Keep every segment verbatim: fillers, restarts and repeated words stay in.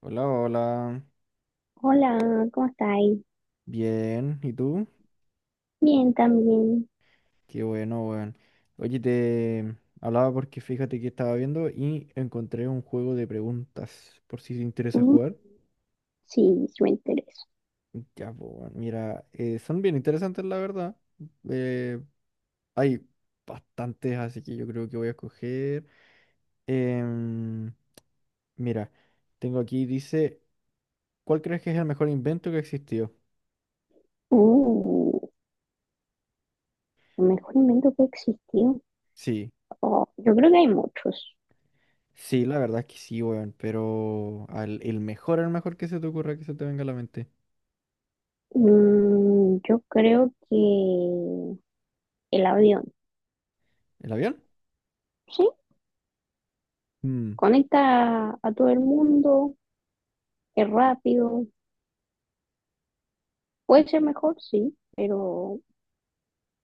Hola, hola. Hola, ¿cómo estáis? Bien, ¿y tú? Bien, también. Qué bueno, weón. Oye, te hablaba porque fíjate que estaba viendo y encontré un juego de preguntas, por si te interesa Mm, jugar. sí, sí me interesa. Ya, pues, weón, mira, eh, son bien interesantes, la verdad. Eh, Hay bastantes, así que yo creo que voy a escoger. em, Mira, tengo aquí, dice, ¿cuál crees que es el mejor invento que existió? Uh, el mejor invento que existió. Sí. Oh, yo creo que hay muchos. Sí, la verdad es que sí, weón, pero al, el mejor, el mejor que se te ocurra que se te venga a la mente. Mm, yo creo que el avión, ¿El avión? ¿sí? Mm. Conecta a todo el mundo, es rápido. Puede ser mejor, sí, pero,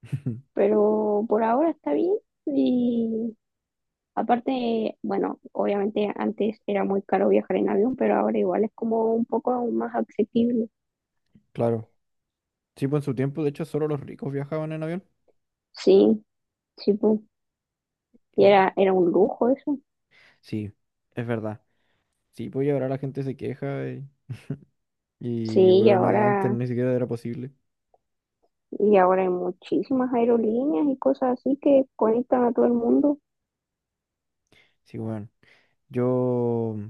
pero por ahora está bien. Y aparte, bueno, obviamente antes era muy caro viajar en avión, pero ahora igual es como un poco más accesible. Claro. Sí, pues en su tiempo, de hecho, solo los ricos viajaban en avión. Sí, sí, pu. Y Y- era, era un lujo eso. Sí, es verdad. Sí, pues y ahora la gente se queja eh, y, Sí, y weón, a- antes ahora, ni siquiera era posible. y ahora hay muchísimas aerolíneas y cosas así que conectan a todo el mundo. Sí, weón. Yo, mm,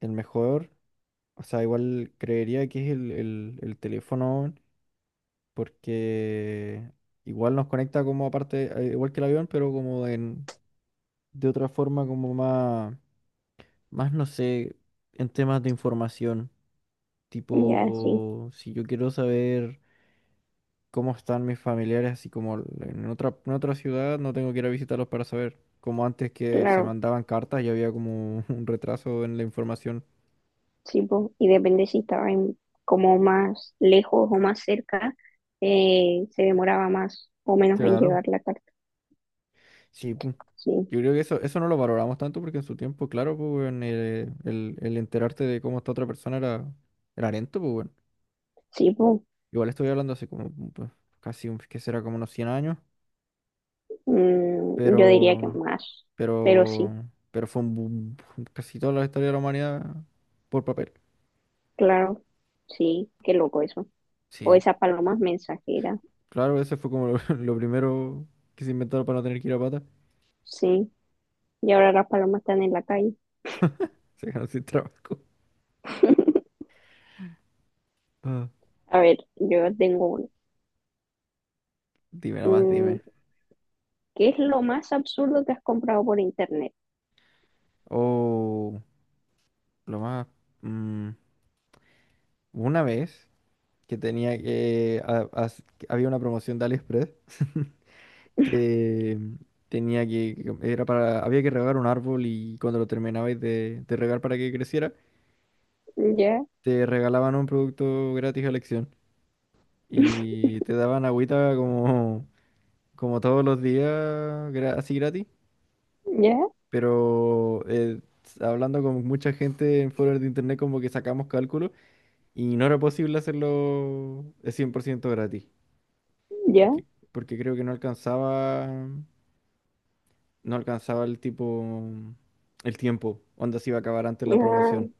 el mejor, o sea, igual creería que es el, el, el teléfono, weón, porque igual nos conecta como aparte, eh, igual que el avión, pero como en de otra forma como más, más no sé, en temas de información. Ya, sí, Tipo, si yo quiero saber cómo están mis familiares, así como l- en otra, en otra ciudad, no tengo que ir a visitarlos para saber. Como antes que se claro, mandaban cartas y había como un retraso en la información. sí, pu. Y depende si estaba en- como más lejos o más cerca, eh, se demoraba más o menos en Claro, llegar la carta. sí, pu. Sí, Yo creo que eso, eso no lo valoramos tanto porque en su tiempo, claro, pues, weón, eh, el, el enterarte de cómo está otra persona era, era lento, pues, weón. sí, pu. Igual estoy hablando hace como pues, casi, un- que será como unos cien años. Mm, yo diría que Pero, más, pero pero, sí, pero fue un boom, casi toda la historia de la humanidad por papel. claro, sí, qué loco eso. O Sí, esas palomas mensajeras, claro, ese fue como lo, lo primero que se inventaron para no tener que ir a pata. sí. Y ahora las palomas están en la calle. Se quedaron sin trabajo. Ah. A ver, yo tengo uno. Dime nomás, Mm, dime. ¿Qué es lo más absurdo que has comprado por internet? O lo más, mm, una vez que tenía que... a- as- que había una promoción de AliExpress. que tenía que... Era para, Había que regar un árbol y cuando lo terminabais de, de regar para que creciera, ¿Ya? te regalaban un producto gratis a elección y te daban agüita como, como todos los días, gra- así gratis, ¿Ya? pero eh, hablando con mucha gente en foros de internet como que sacamos cálculos y no era posible hacerlo de cien por ciento gratis, ¿Ya? porque, porque creo que no alcanzaba, no alcanzaba el tipo, el tiempo, onda se iba a acabar antes la promoción. Ah,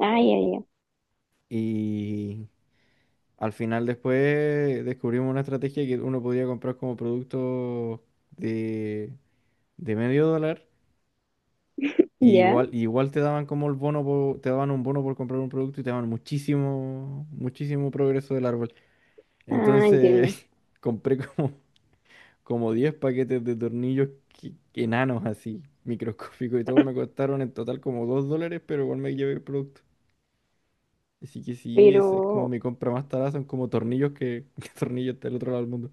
ah, ya, ya. Y Al final después descubrimos una estrategia, que uno podía comprar como producto de, de medio dólar, y ¿Ya? igual, igual te daban como el bono, por- te daban un bono por comprar un producto y te daban muchísimo, muchísimo progreso del árbol. Ah, entiendo. Entonces compré como, como, diez paquetes de tornillos, que- enanos así, microscópicos, y todos me costaron en total como dos dólares, pero igual me llevé el producto. Así que sí, esa es como Pero, mi compra más tarada, son como tornillos que, que tornillos del otro lado del mundo.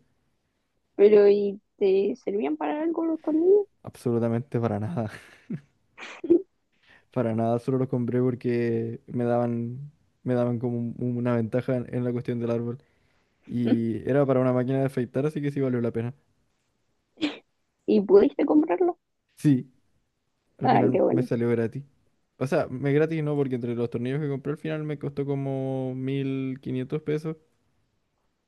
pero, ¿y te servían para algo los tornillos? Absolutamente para nada. Para nada, solo lo compré porque me daban, me daban como un- una ventaja en, en la cuestión del árbol. Y era para una máquina de afeitar, así que sí valió la pena. ¿Y pudiste comprarlo? Sí, al Ah, qué final me bueno. salió gratis. O sea, me gratis no, porque entre los tornillos que compré al final me costó como mil quinientos pesos,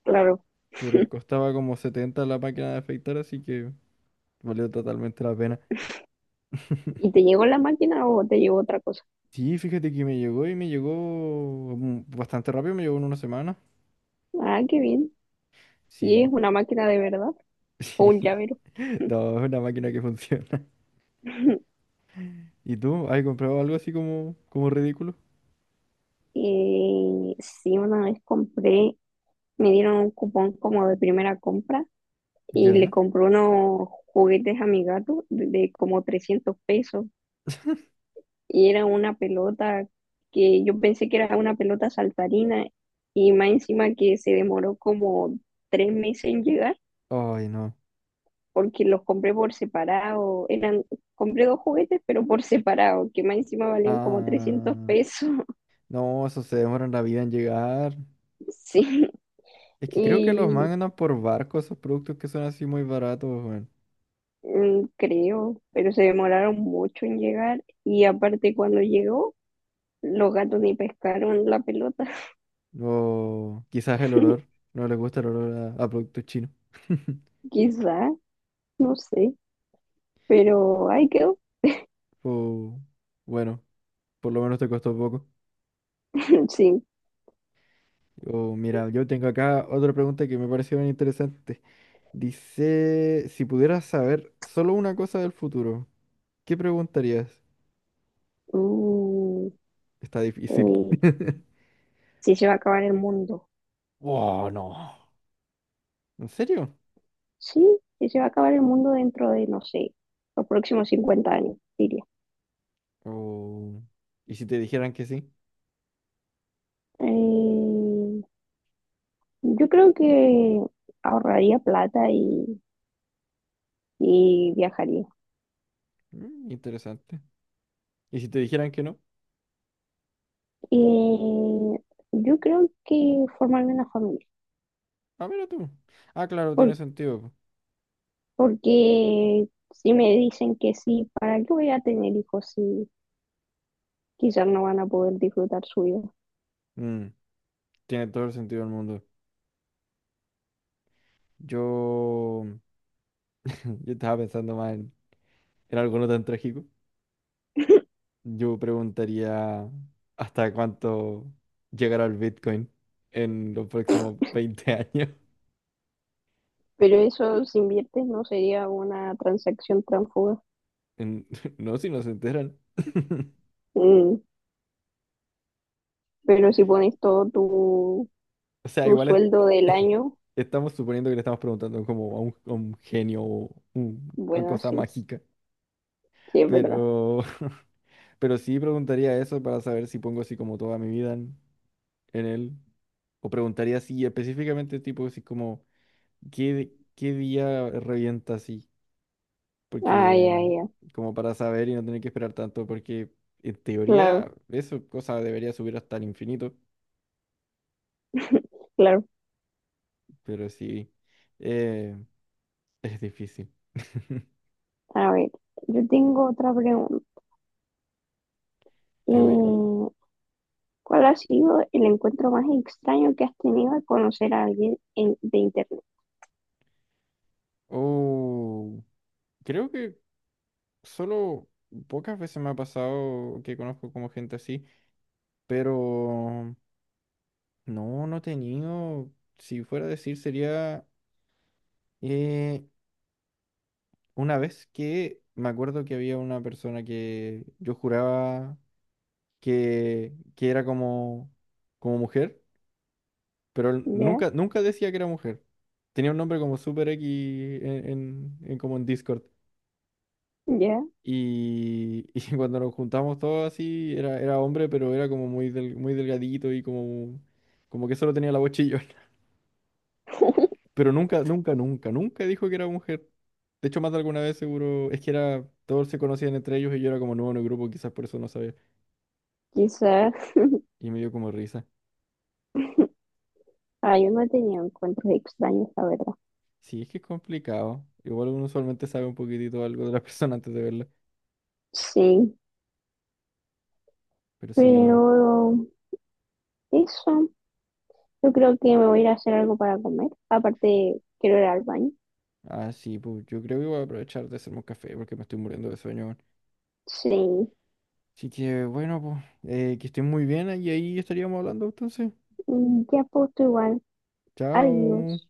Claro. pero costaba como setenta la máquina de afeitar, así que valió totalmente la pena. ¿Y te llegó la máquina o te llegó otra cosa? Sí, fíjate que me llegó y me llegó mm, bastante rápido, me llegó en una semana. Ah, qué bien. ¿Y es Sí, una máquina de verdad? ¿O un sí. llavero? No, es una máquina que funciona. ¿Y tú? ¿Has comprado algo así como, como ridículo? Eh, sí, una vez compré, me dieron un cupón como de primera compra y le Ya. compré unos juguetes a mi gato de, de como trescientos pesos, y era una pelota que yo pensé que era una pelota saltarina, y más encima que se demoró como tres meses en llegar Ay, no. porque los compré por separado. Eran, compré dos juguetes pero por separado, que más encima valían como trescientos Ah, pesos, no, eso se demoran la vida en llegar. Sí, Es que creo que los y mandan por barco esos productos que son así muy baratos, weón. mm, creo, pero se demoraron mucho en llegar, y aparte cuando llegó, los gatos ni pescaron la pelota. O quizás el olor. No les gusta el olor a, a productos chinos. Quizá, no sé, pero ahí quedó. O bueno, por lo menos te costó poco. Sí. O mira, yo tengo acá otra pregunta que me pareció bien interesante. Dice, si pudieras saber solo una cosa del futuro, ¿Qué preguntarías? Mm, Está difícil. eh, sí se va a acabar el mundo. Oh, no. ¿En serio? Sí, sí se va a acabar el mundo dentro de, no sé, los próximos cincuenta años, diría. Oh, ¿Y si te dijeran que sí? Eh, yo creo que ahorraría plata y, y viajaría. Mm, interesante. ¿Y si te dijeran que no? Eh, yo creo que formarme una familia, Ah, mira tú. Ah, claro, tiene por- sentido. po. porque si me dicen que sí, ¿para qué voy a tener hijos si quizás no van a poder disfrutar su vida? Mm, tiene todo el sentido del mundo. Yo... Yo estaba pensando más en, en algo no tan trágico. Yo preguntaría hasta cuánto llegará el Bitcoin en los próximos veinte años. Pero eso si inviertes no sería una transacción transfuga. En- No, si no se enteran. Mm, pero si pones todo tu, O sea, tu igual es- sueldo del año, estamos suponiendo que le estamos preguntando como a un, a un, genio o un- una bueno, cosa sí, mágica. sí es verdad. Pero, pero sí preguntaría eso para saber si pongo así como toda mi vida en, en él. O preguntaría si específicamente tipo así como qué, qué día revienta así. Ay, Porque ay, ay, como para saber y no tener que esperar tanto. Porque en claro, teoría eso cosa debería subir hasta el infinito. claro. Pero sí, eh, es difícil. A ver, yo tengo otra pregunta. Te oigo. Eh, ¿Cuál ha sido el encuentro más extraño que has tenido al conocer a alguien en- de internet? Oh, creo que solo pocas veces me ha pasado que conozco como gente así, pero no, no he tenido, si fuera a decir, sería eh, una vez que me acuerdo que había una persona que yo juraba que, que era como, como mujer, pero él Ya, nunca, nunca decía que era mujer. Tenía un nombre como Super X en, en- en- como en Discord. ya, Y, y cuando nos juntamos todos así, era, era hombre, pero era como muy, del- muy delgadito y como, como que solo tenía la voz chillona. Pero nunca, nunca, nunca, nunca dijo que era mujer. De hecho, más de alguna vez seguro, es que era, todos se conocían entre ellos y yo era como nuevo en el grupo, quizás por eso no sabía. quizás. Y me dio como risa. Ah, yo no he tenido encuentros extraños, la verdad. Sí, es que es complicado. Igual uno usualmente sabe un poquitito algo de la persona antes de verla. Sí, Pero sí, bueno. pero eso, yo creo que me voy a ir a hacer algo para comer. Aparte, quiero ir al baño. Ah, sí, pues yo creo que voy a aprovechar de hacerme un café porque me estoy muriendo de sueño, Sí, Así que bueno, pues, eh, que estén muy bien y ahí estaríamos hablando entonces. Mm, ya pues tú igual. Chao. Adiós.